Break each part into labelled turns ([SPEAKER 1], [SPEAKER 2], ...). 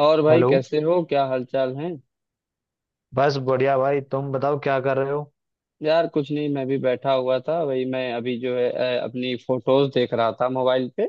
[SPEAKER 1] और भाई
[SPEAKER 2] हेलो।
[SPEAKER 1] कैसे हो क्या हालचाल है।
[SPEAKER 2] बस बढ़िया भाई, तुम बताओ क्या कर रहे हो?
[SPEAKER 1] यार कुछ नहीं मैं भी बैठा हुआ था वही मैं अभी जो है अपनी फोटोज देख रहा था मोबाइल पे।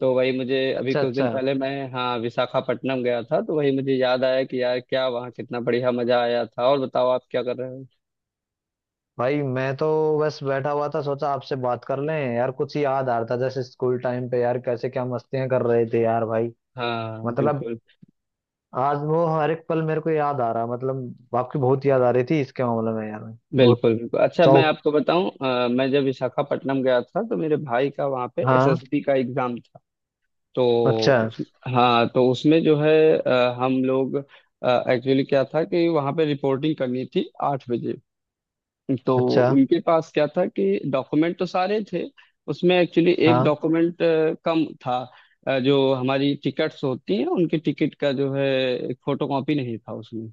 [SPEAKER 1] तो वही मुझे अभी
[SPEAKER 2] अच्छा
[SPEAKER 1] कुछ दिन
[SPEAKER 2] अच्छा।
[SPEAKER 1] पहले मैं हाँ विशाखापट्टनम गया था तो वही मुझे याद आया कि यार क्या वहाँ कितना बढ़िया मजा आया था। और बताओ आप क्या कर रहे हो।
[SPEAKER 2] भाई मैं तो बस बैठा हुआ था, सोचा आपसे बात कर लें यार। कुछ याद आ रहा था, जैसे स्कूल टाइम पे यार, कैसे क्या मस्तियां कर रहे थे यार भाई।
[SPEAKER 1] हाँ
[SPEAKER 2] मतलब
[SPEAKER 1] बिल्कुल।
[SPEAKER 2] आज वो हर एक पल मेरे को याद आ रहा, मतलब आपकी बहुत याद आ रही थी इसके मामले में यार। वो।
[SPEAKER 1] बिल्कुल बिल्कुल अच्छा
[SPEAKER 2] सौ।
[SPEAKER 1] मैं आपको बताऊं मैं जब विशाखापट्टनम गया था तो मेरे भाई का वहाँ पे
[SPEAKER 2] हाँ।
[SPEAKER 1] एसएसबी का एग्जाम था। तो
[SPEAKER 2] अच्छा
[SPEAKER 1] हाँ तो उसमें जो है हम लोग एक्चुअली क्या था कि वहाँ पे रिपोर्टिंग करनी थी 8 बजे। तो
[SPEAKER 2] अच्छा।
[SPEAKER 1] उनके पास क्या था कि डॉक्यूमेंट तो सारे थे उसमें एक्चुअली एक
[SPEAKER 2] हाँ।
[SPEAKER 1] डॉक्यूमेंट कम था। जो हमारी टिकट्स होती हैं उनकी टिकट का जो है फोटो कॉपी नहीं था उसमें।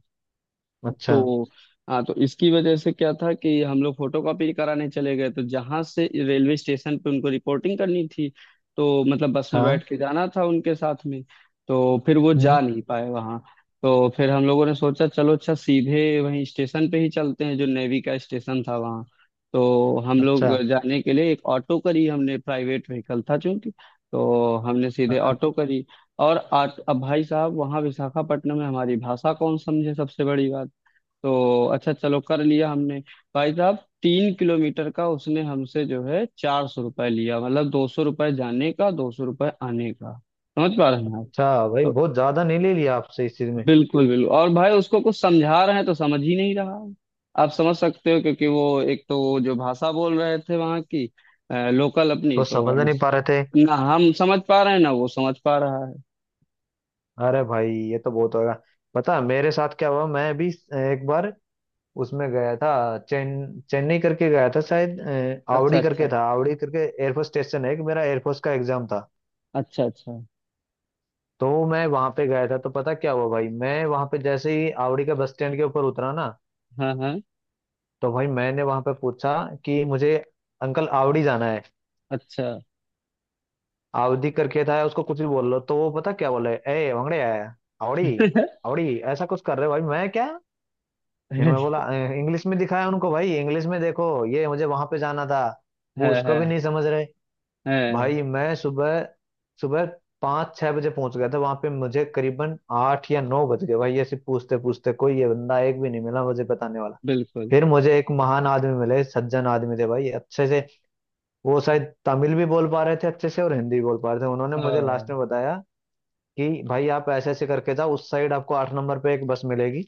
[SPEAKER 2] अच्छा।
[SPEAKER 1] तो हाँ तो इसकी वजह से क्या था कि हम लोग फोटोकॉपी कराने चले गए तो जहां से रेलवे स्टेशन पे उनको रिपोर्टिंग करनी थी। तो मतलब बस में
[SPEAKER 2] हाँ।
[SPEAKER 1] बैठ के जाना था उनके साथ में। तो फिर वो
[SPEAKER 2] हम्म।
[SPEAKER 1] जा नहीं पाए वहां। तो फिर हम लोगों ने सोचा चलो अच्छा सीधे वहीं स्टेशन पे ही चलते हैं जो नेवी का स्टेशन था वहाँ। तो हम लोग
[SPEAKER 2] अच्छा।
[SPEAKER 1] जाने के लिए एक ऑटो करी हमने प्राइवेट व्हीकल था चूंकि। तो हमने सीधे
[SPEAKER 2] हाँ।
[SPEAKER 1] ऑटो करी। और अब भाई साहब वहाँ विशाखापट्टनम में हमारी भाषा कौन समझे सबसे बड़ी बात। तो अच्छा चलो कर लिया हमने। भाई साहब 3 किलोमीटर का उसने हमसे जो है 400 रुपये लिया मतलब 200 रुपये जाने का 200 रुपये आने का। समझ पा रहे हैं आप।
[SPEAKER 2] अच्छा भाई,
[SPEAKER 1] तो
[SPEAKER 2] बहुत ज्यादा नहीं ले लिया आपसे इस चीज में।
[SPEAKER 1] बिल्कुल बिल्कुल और भाई उसको कुछ समझा रहे हैं तो समझ ही नहीं रहा है। आप समझ सकते हो क्योंकि वो एक तो वो जो भाषा बोल रहे थे वहाँ की लोकल अपनी
[SPEAKER 2] कुछ
[SPEAKER 1] तो
[SPEAKER 2] समझ
[SPEAKER 1] हम
[SPEAKER 2] नहीं पा रहे थे।
[SPEAKER 1] ना हम समझ पा रहे हैं ना वो समझ पा रहा है।
[SPEAKER 2] अरे भाई, ये तो बहुत होगा। पता है, मेरे साथ क्या हुआ? मैं भी एक बार उसमें गया था। चेन्नई करके गया था, शायद
[SPEAKER 1] अच्छा
[SPEAKER 2] आवड़ी करके
[SPEAKER 1] अच्छा।
[SPEAKER 2] था, आवड़ी करके। एयरफोर्स स्टेशन है कि मेरा एयरफोर्स का एग्जाम था।
[SPEAKER 1] अच्छा अच्छा।
[SPEAKER 2] तो मैं वहां पे गया था, तो पता क्या हुआ भाई, मैं वहां पे जैसे ही आवड़ी के बस स्टैंड के ऊपर उतरा ना,
[SPEAKER 1] हाँ हाँ।
[SPEAKER 2] तो भाई मैंने वहां पे पूछा कि मुझे, अंकल आवड़ी जाना है।
[SPEAKER 1] अच्छा।
[SPEAKER 2] आवड़ी करके था, उसको कुछ भी बोल लो, तो वो पता क्या बोले, ए वंगड़े आया आवड़ी। आवड़ी ऐसा कुछ कर रहे हो भाई, मैं क्या, फिर
[SPEAKER 1] है।
[SPEAKER 2] मैं बोला, इंग्लिश में दिखाया उनको भाई, इंग्लिश में देखो ये मुझे वहां पे जाना था। वो उसको भी
[SPEAKER 1] है।
[SPEAKER 2] नहीं समझ रहे।
[SPEAKER 1] है
[SPEAKER 2] भाई मैं सुबह सुबह 5 6 बजे पहुंच गया था वहां पे, मुझे करीबन 8 या 9 बज गए भाई, ऐसे पूछते पूछते कोई ये बंदा एक भी नहीं मिला मुझे बताने वाला।
[SPEAKER 1] बिल्कुल।
[SPEAKER 2] फिर मुझे एक महान आदमी मिले, सज्जन आदमी थे भाई, अच्छे से वो शायद तमिल भी बोल पा रहे थे अच्छे से और हिंदी भी बोल पा रहे थे। उन्होंने मुझे लास्ट
[SPEAKER 1] हाँ
[SPEAKER 2] में बताया कि भाई आप ऐसे ऐसे करके जाओ उस साइड, आपको 8 नंबर पे एक बस मिलेगी।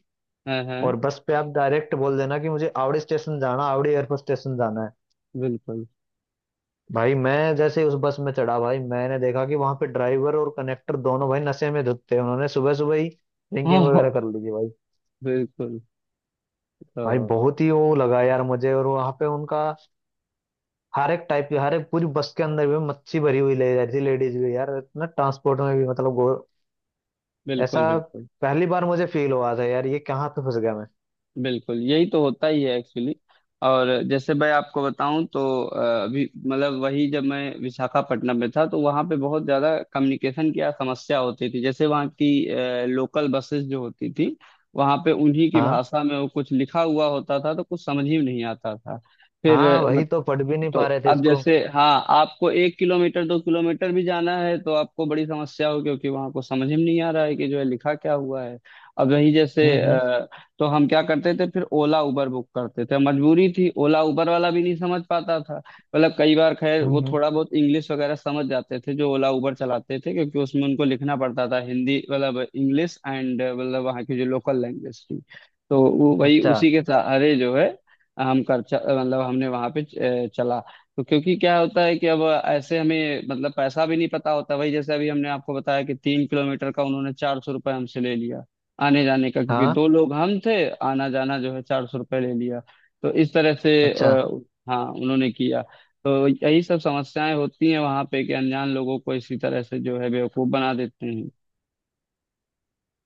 [SPEAKER 1] हाँ हाँ।
[SPEAKER 2] और बस पे आप डायरेक्ट बोल देना कि मुझे आवड़ी स्टेशन जाना, आवड़ी एयरफोर्स स्टेशन जाना है।
[SPEAKER 1] बिल्कुल।
[SPEAKER 2] भाई मैं जैसे ही उस बस में चढ़ा, भाई मैंने देखा कि वहां पे ड्राइवर और कनेक्टर दोनों भाई नशे में धुत थे, उन्होंने सुबह सुबह ही ड्रिंकिंग वगैरह
[SPEAKER 1] हाँ।
[SPEAKER 2] कर ली थी भाई।
[SPEAKER 1] बिल्कुल।
[SPEAKER 2] भाई
[SPEAKER 1] हाँ
[SPEAKER 2] बहुत ही वो लगा यार मुझे, और वहां पे उनका हर एक टाइप की, हर एक पूरी बस के अंदर भी मच्छी भरी हुई ले जा रही थी, लेडीज भी यार, इतना ट्रांसपोर्ट में भी मतलब ऐसा
[SPEAKER 1] बिल्कुल बिल्कुल।
[SPEAKER 2] पहली बार मुझे फील हुआ था यार, ये कहाँ पे फंस गया मैं।
[SPEAKER 1] बिल्कुल यही तो होता ही है एक्चुअली। और जैसे मैं आपको बताऊं तो अभी मतलब वही जब मैं विशाखापट्टनम में था तो वहाँ पे बहुत ज़्यादा कम्युनिकेशन की समस्या होती थी जैसे वहाँ की लोकल बसेस जो होती थी वहाँ पे उन्हीं की
[SPEAKER 2] हाँ
[SPEAKER 1] भाषा में वो कुछ लिखा हुआ होता था तो कुछ समझ ही नहीं आता था। फिर
[SPEAKER 2] हाँ, वही तो पढ़ भी नहीं
[SPEAKER 1] तो
[SPEAKER 2] पा रहे थे
[SPEAKER 1] अब
[SPEAKER 2] इसको।
[SPEAKER 1] जैसे हाँ आपको 1 किलोमीटर 2 किलोमीटर भी जाना है तो आपको बड़ी समस्या हो क्योंकि वहां को समझ ही नहीं आ रहा है कि जो है लिखा क्या हुआ है। अब वही जैसे
[SPEAKER 2] हम्म हम्म
[SPEAKER 1] तो हम क्या करते थे फिर ओला उबर बुक करते थे मजबूरी थी ओला उबर वाला भी नहीं समझ पाता था। मतलब कई बार खैर
[SPEAKER 2] हम्म
[SPEAKER 1] वो
[SPEAKER 2] हम्म।
[SPEAKER 1] थोड़ा बहुत इंग्लिश वगैरह समझ जाते थे जो ओला उबर चलाते थे क्योंकि उसमें उनको लिखना पड़ता था हिंदी मतलब इंग्लिश एंड मतलब वहाँ की जो लोकल लैंग्वेज थी। तो वो वही
[SPEAKER 2] अच्छा।
[SPEAKER 1] उसी के सहारे जो है हम कर मतलब हमने वहां पे चला। तो क्योंकि क्या होता है कि अब ऐसे हमें मतलब पैसा भी नहीं पता होता भाई जैसे अभी हमने आपको बताया कि 3 किलोमीटर का उन्होंने 400 रुपये हमसे ले लिया आने जाने का क्योंकि
[SPEAKER 2] हाँ।
[SPEAKER 1] दो लोग हम थे आना जाना जो है 400 रुपये ले लिया। तो इस तरह से
[SPEAKER 2] अच्छा
[SPEAKER 1] हाँ उन्होंने किया। तो यही सब समस्याएं होती हैं वहां पे कि अनजान लोगों को इसी तरह से जो है बेवकूफ बना देते हैं।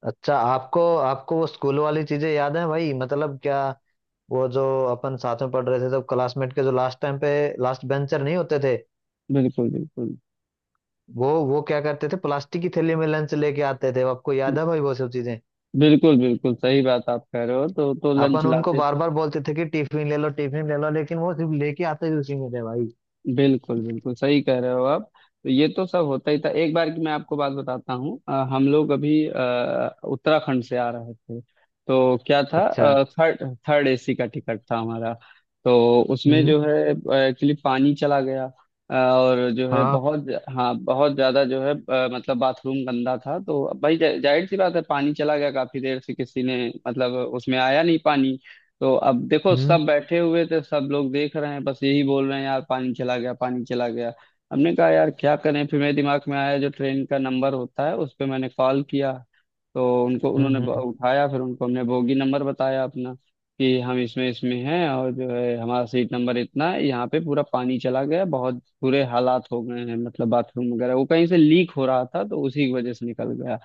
[SPEAKER 2] अच्छा। आपको आपको वो स्कूल वाली चीजें याद हैं भाई, मतलब क्या, वो जो अपन साथ में पढ़ रहे थे तब क्लासमेट के, जो लास्ट टाइम पे लास्ट बेंचर नहीं होते थे,
[SPEAKER 1] बिल्कुल बिल्कुल।
[SPEAKER 2] वो क्या करते थे, प्लास्टिक की थैली में लंच लेके आते थे, आपको याद है भाई वो सब चीजें?
[SPEAKER 1] बिल्कुल बिल्कुल सही बात आप कह रहे हो तो लंच
[SPEAKER 2] अपन उनको
[SPEAKER 1] लाते
[SPEAKER 2] बार
[SPEAKER 1] थे।
[SPEAKER 2] बार बोलते थे कि टिफिन ले लो टिफिन ले लो, लेकिन वो सिर्फ लेके आते ही उसी में थे भाई।
[SPEAKER 1] बिल्कुल बिल्कुल सही कह रहे हो आप। तो ये तो सब होता ही था एक बार की मैं आपको बात बताता हूँ हम लोग अभी उत्तराखंड से आ रहे थे। तो क्या था
[SPEAKER 2] अच्छा।
[SPEAKER 1] थर्ड थर्ड एसी का टिकट था हमारा। तो उसमें
[SPEAKER 2] हम्म।
[SPEAKER 1] जो है एक्चुअली पानी चला गया। और जो है
[SPEAKER 2] हाँ।
[SPEAKER 1] बहुत हाँ बहुत ज्यादा जो है मतलब बाथरूम गंदा था तो भाई जाहिर सी बात है पानी चला गया काफी देर से किसी ने मतलब उसमें आया नहीं पानी। तो अब देखो
[SPEAKER 2] हम्म
[SPEAKER 1] सब बैठे हुए थे सब लोग देख रहे हैं बस यही बोल रहे हैं यार पानी चला गया पानी चला गया। हमने कहा यार क्या करें फिर मेरे दिमाग में आया जो ट्रेन का नंबर होता है उस पर मैंने कॉल किया। तो उनको
[SPEAKER 2] हम्म
[SPEAKER 1] उन्होंने
[SPEAKER 2] हम्म हम्म।
[SPEAKER 1] उठाया फिर उनको हमने बोगी नंबर बताया अपना कि हम इसमें इसमें हैं और जो है हमारा सीट नंबर इतना है यहाँ पे पूरा पानी चला गया बहुत बुरे हालात हो गए हैं मतलब बाथरूम वगैरह वो कहीं से लीक हो रहा था तो उसी की वजह से निकल गया।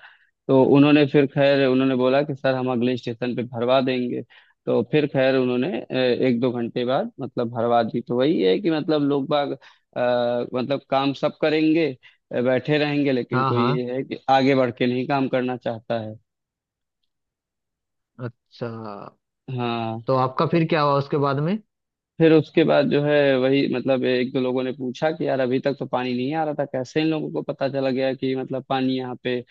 [SPEAKER 1] तो उन्होंने फिर खैर उन्होंने बोला कि सर हम अगले स्टेशन पे भरवा देंगे। तो फिर खैर उन्होंने एक दो घंटे बाद मतलब भरवा दी तो वही है कि मतलब लोग बाग मतलब काम सब करेंगे बैठे रहेंगे लेकिन
[SPEAKER 2] हाँ
[SPEAKER 1] कोई
[SPEAKER 2] हाँ।
[SPEAKER 1] ये है कि आगे बढ़ के नहीं काम करना चाहता है।
[SPEAKER 2] अच्छा,
[SPEAKER 1] हाँ
[SPEAKER 2] तो आपका
[SPEAKER 1] तो
[SPEAKER 2] फिर क्या हुआ उसके बाद में?
[SPEAKER 1] फिर उसके बाद जो है वही मतलब एक दो लोगों ने पूछा कि यार अभी तक तो पानी नहीं आ रहा था कैसे इन लोगों को पता चला गया कि मतलब पानी यहाँ पे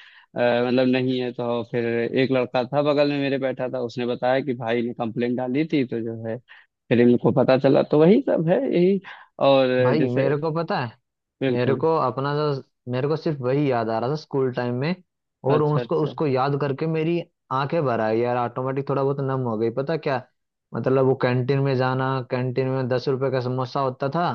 [SPEAKER 1] मतलब नहीं है तो फिर एक लड़का था बगल में मेरे बैठा था उसने बताया कि भाई ने कंप्लेंट डाली थी तो जो है फिर इनको पता चला तो वही सब है यही और
[SPEAKER 2] भाई
[SPEAKER 1] जैसे
[SPEAKER 2] मेरे को पता है, मेरे
[SPEAKER 1] बिल्कुल।
[SPEAKER 2] को अपना जो मेरे को सिर्फ वही याद आ रहा था स्कूल टाइम में, और
[SPEAKER 1] अच्छा
[SPEAKER 2] उसको
[SPEAKER 1] अच्छा।
[SPEAKER 2] उसको याद करके मेरी आंखें भर आई यार, ऑटोमेटिक थोड़ा बहुत नम हो गई, पता क्या। मतलब वो कैंटीन में जाना, कैंटीन में 10 रुपए का समोसा होता था,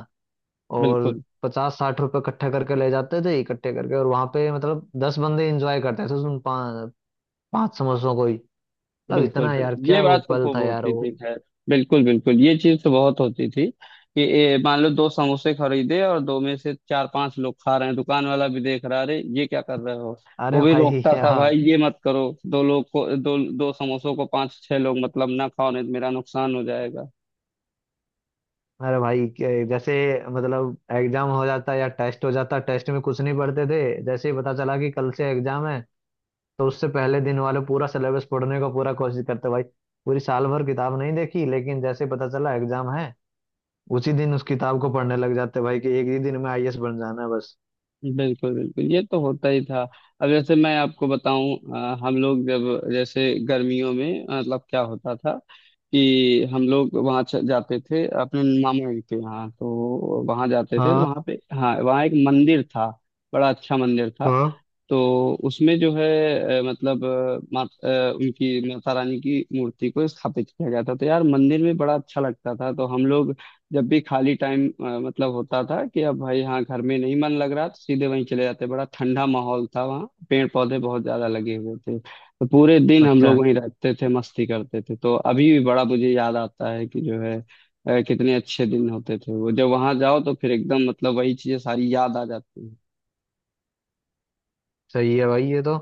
[SPEAKER 2] और
[SPEAKER 1] बिल्कुल
[SPEAKER 2] 50 60 रुपए इकट्ठे करके ले जाते थे इकट्ठे करके, और वहां पे मतलब 10 बंदे एंजॉय करते थे उन 5 5 समोसों को ही। मतलब
[SPEAKER 1] बिल्कुल।
[SPEAKER 2] इतना यार,
[SPEAKER 1] बिल्कुल ये
[SPEAKER 2] क्या वो
[SPEAKER 1] बात तो
[SPEAKER 2] पल
[SPEAKER 1] खूब
[SPEAKER 2] था यार
[SPEAKER 1] होती
[SPEAKER 2] वो।
[SPEAKER 1] थी खैर। बिल्कुल बिल्कुल ये चीज तो बहुत होती थी कि मान लो दो समोसे खरीदे और दो में से चार पांच लोग खा रहे हैं दुकान वाला भी देख रहा अरे ये क्या कर रहे हो। वो
[SPEAKER 2] अरे
[SPEAKER 1] भी
[SPEAKER 2] भाई
[SPEAKER 1] रोकता था भाई
[SPEAKER 2] यार।
[SPEAKER 1] ये मत करो दो लोग को दो दो समोसों को पांच छह लोग मतलब ना खाओ नहीं तो मेरा नुकसान हो जाएगा।
[SPEAKER 2] अरे भाई जैसे, मतलब एग्जाम हो जाता या टेस्ट हो जाता, टेस्ट में कुछ नहीं पढ़ते थे। जैसे ही पता चला कि कल से एग्जाम है, तो उससे पहले दिन वाले पूरा सिलेबस पढ़ने का पूरा कोशिश करते भाई। पूरी साल भर किताब नहीं देखी, लेकिन जैसे ही पता चला एग्जाम है, उसी दिन उस किताब को पढ़ने लग जाते भाई कि एक ही दिन में आईएएस बन जाना है बस।
[SPEAKER 1] बिल्कुल बिल्कुल ये तो होता ही था। अब जैसे मैं आपको बताऊं हम लोग जब जैसे गर्मियों में मतलब क्या होता था कि हम लोग वहाँ जाते थे अपने मामा जी के यहाँ। तो वहाँ जाते थे तो
[SPEAKER 2] हाँ
[SPEAKER 1] वहाँ पे हाँ वहाँ एक मंदिर था बड़ा अच्छा मंदिर था।
[SPEAKER 2] हाँ।
[SPEAKER 1] तो उसमें जो है मतलब उनकी माता रानी की मूर्ति को स्थापित किया गया था तो यार मंदिर में बड़ा अच्छा लगता था। तो हम लोग जब भी खाली टाइम मतलब होता था कि अब भाई हाँ घर में नहीं मन लग रहा तो सीधे वहीं चले जाते बड़ा ठंडा माहौल था वहाँ पेड़ पौधे बहुत ज्यादा लगे हुए थे तो पूरे दिन हम लोग
[SPEAKER 2] अच्छा,
[SPEAKER 1] वहीं रहते थे मस्ती करते थे। तो अभी भी बड़ा मुझे याद आता है कि जो है कितने अच्छे दिन होते थे वो जब वहां जाओ तो फिर एकदम मतलब वही चीजें सारी याद आ जाती
[SPEAKER 2] सही है भाई ये तो।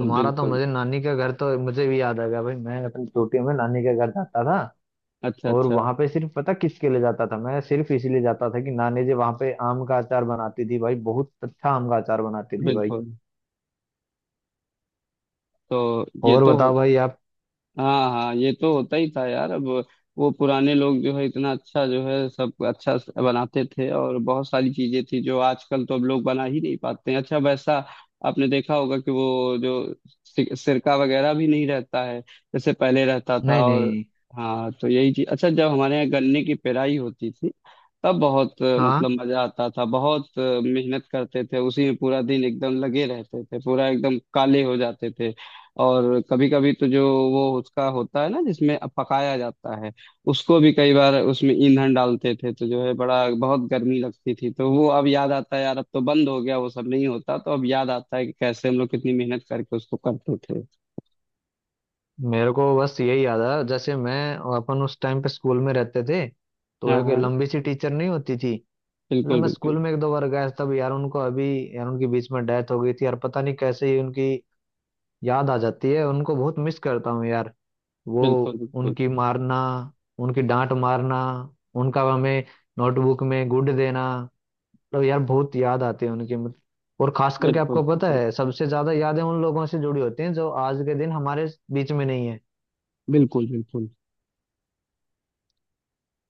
[SPEAKER 1] हैं
[SPEAKER 2] तुम्हारा तो,
[SPEAKER 1] बिल्कुल।
[SPEAKER 2] मुझे नानी का घर तो मुझे भी याद आ गया भाई, मैं अपनी छोटी में नानी के घर जाता था।
[SPEAKER 1] अच्छा
[SPEAKER 2] और
[SPEAKER 1] अच्छा।
[SPEAKER 2] वहां पे सिर्फ पता किसके लिए जाता था मैं? सिर्फ इसीलिए जाता था कि नानी जी वहां पे आम का अचार बनाती थी भाई, बहुत अच्छा आम का अचार बनाती थी भाई।
[SPEAKER 1] बिल्कुल तो ये
[SPEAKER 2] और
[SPEAKER 1] तो
[SPEAKER 2] बताओ भाई आप।
[SPEAKER 1] हाँ हाँ ये तो होता ही था यार अब वो पुराने लोग जो है इतना अच्छा जो है सब अच्छा बनाते थे और बहुत सारी चीजें थी जो आजकल तो अब लोग बना ही नहीं पाते हैं अच्छा वैसा। आपने देखा होगा कि वो जो सिरका वगैरह भी नहीं रहता है जैसे पहले रहता था।
[SPEAKER 2] नहीं
[SPEAKER 1] और
[SPEAKER 2] नहीं।
[SPEAKER 1] हाँ तो यही चीज अच्छा जब हमारे यहाँ गन्ने की पेराई होती थी तब बहुत
[SPEAKER 2] हाँ।
[SPEAKER 1] मतलब मजा आता था बहुत मेहनत करते थे उसी में पूरा दिन एकदम लगे रहते थे पूरा एकदम काले हो जाते थे। और कभी कभी तो जो वो उसका होता है ना जिसमें पकाया जाता है उसको भी कई बार उसमें ईंधन डालते थे तो जो है बड़ा बहुत गर्मी लगती थी। तो वो अब याद आता है यार अब तो बंद हो गया वो सब नहीं होता तो अब याद आता है कि कैसे हम लोग कितनी मेहनत करके उसको करते थे।
[SPEAKER 2] मेरे को बस यही याद आया, जैसे मैं, अपन उस टाइम पे स्कूल में रहते थे, तो
[SPEAKER 1] हाँ
[SPEAKER 2] एक
[SPEAKER 1] हाँ
[SPEAKER 2] लंबी सी टीचर नहीं होती थी, मतलब
[SPEAKER 1] बिल्कुल
[SPEAKER 2] मैं
[SPEAKER 1] बिल्कुल।
[SPEAKER 2] स्कूल में एक दो बार गया तब यार उनको अभी, यार उनकी बीच में डेथ हो गई थी यार, पता नहीं कैसे ही उनकी याद आ जाती है, उनको बहुत मिस करता हूँ यार, वो
[SPEAKER 1] बिल्कुल बिल्कुल।
[SPEAKER 2] उनकी मारना, उनकी डांट मारना, उनका हमें नोटबुक में गुड देना, तो यार बहुत याद आती है उनकी और खास करके
[SPEAKER 1] बिल्कुल
[SPEAKER 2] आपको पता
[SPEAKER 1] बिल्कुल
[SPEAKER 2] है, सबसे ज्यादा यादें उन लोगों से जुड़ी होती हैं जो आज के दिन हमारे बीच में नहीं है,
[SPEAKER 1] बिल्कुल बिल्कुल।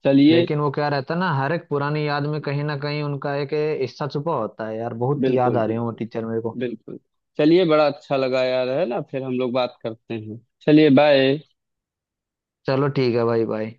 [SPEAKER 1] चलिए
[SPEAKER 2] लेकिन वो क्या रहता है ना, हर एक पुरानी याद में कहीं ना कहीं उनका एक हिस्सा छुपा होता है यार, बहुत याद
[SPEAKER 1] बिल्कुल
[SPEAKER 2] आ रही है वो
[SPEAKER 1] बिल्कुल
[SPEAKER 2] टीचर मेरे को।
[SPEAKER 1] बिल्कुल। चलिए बड़ा अच्छा लगा यार है ना फिर हम लोग बात करते हैं। चलिए बाय।
[SPEAKER 2] चलो ठीक है भाई भाई।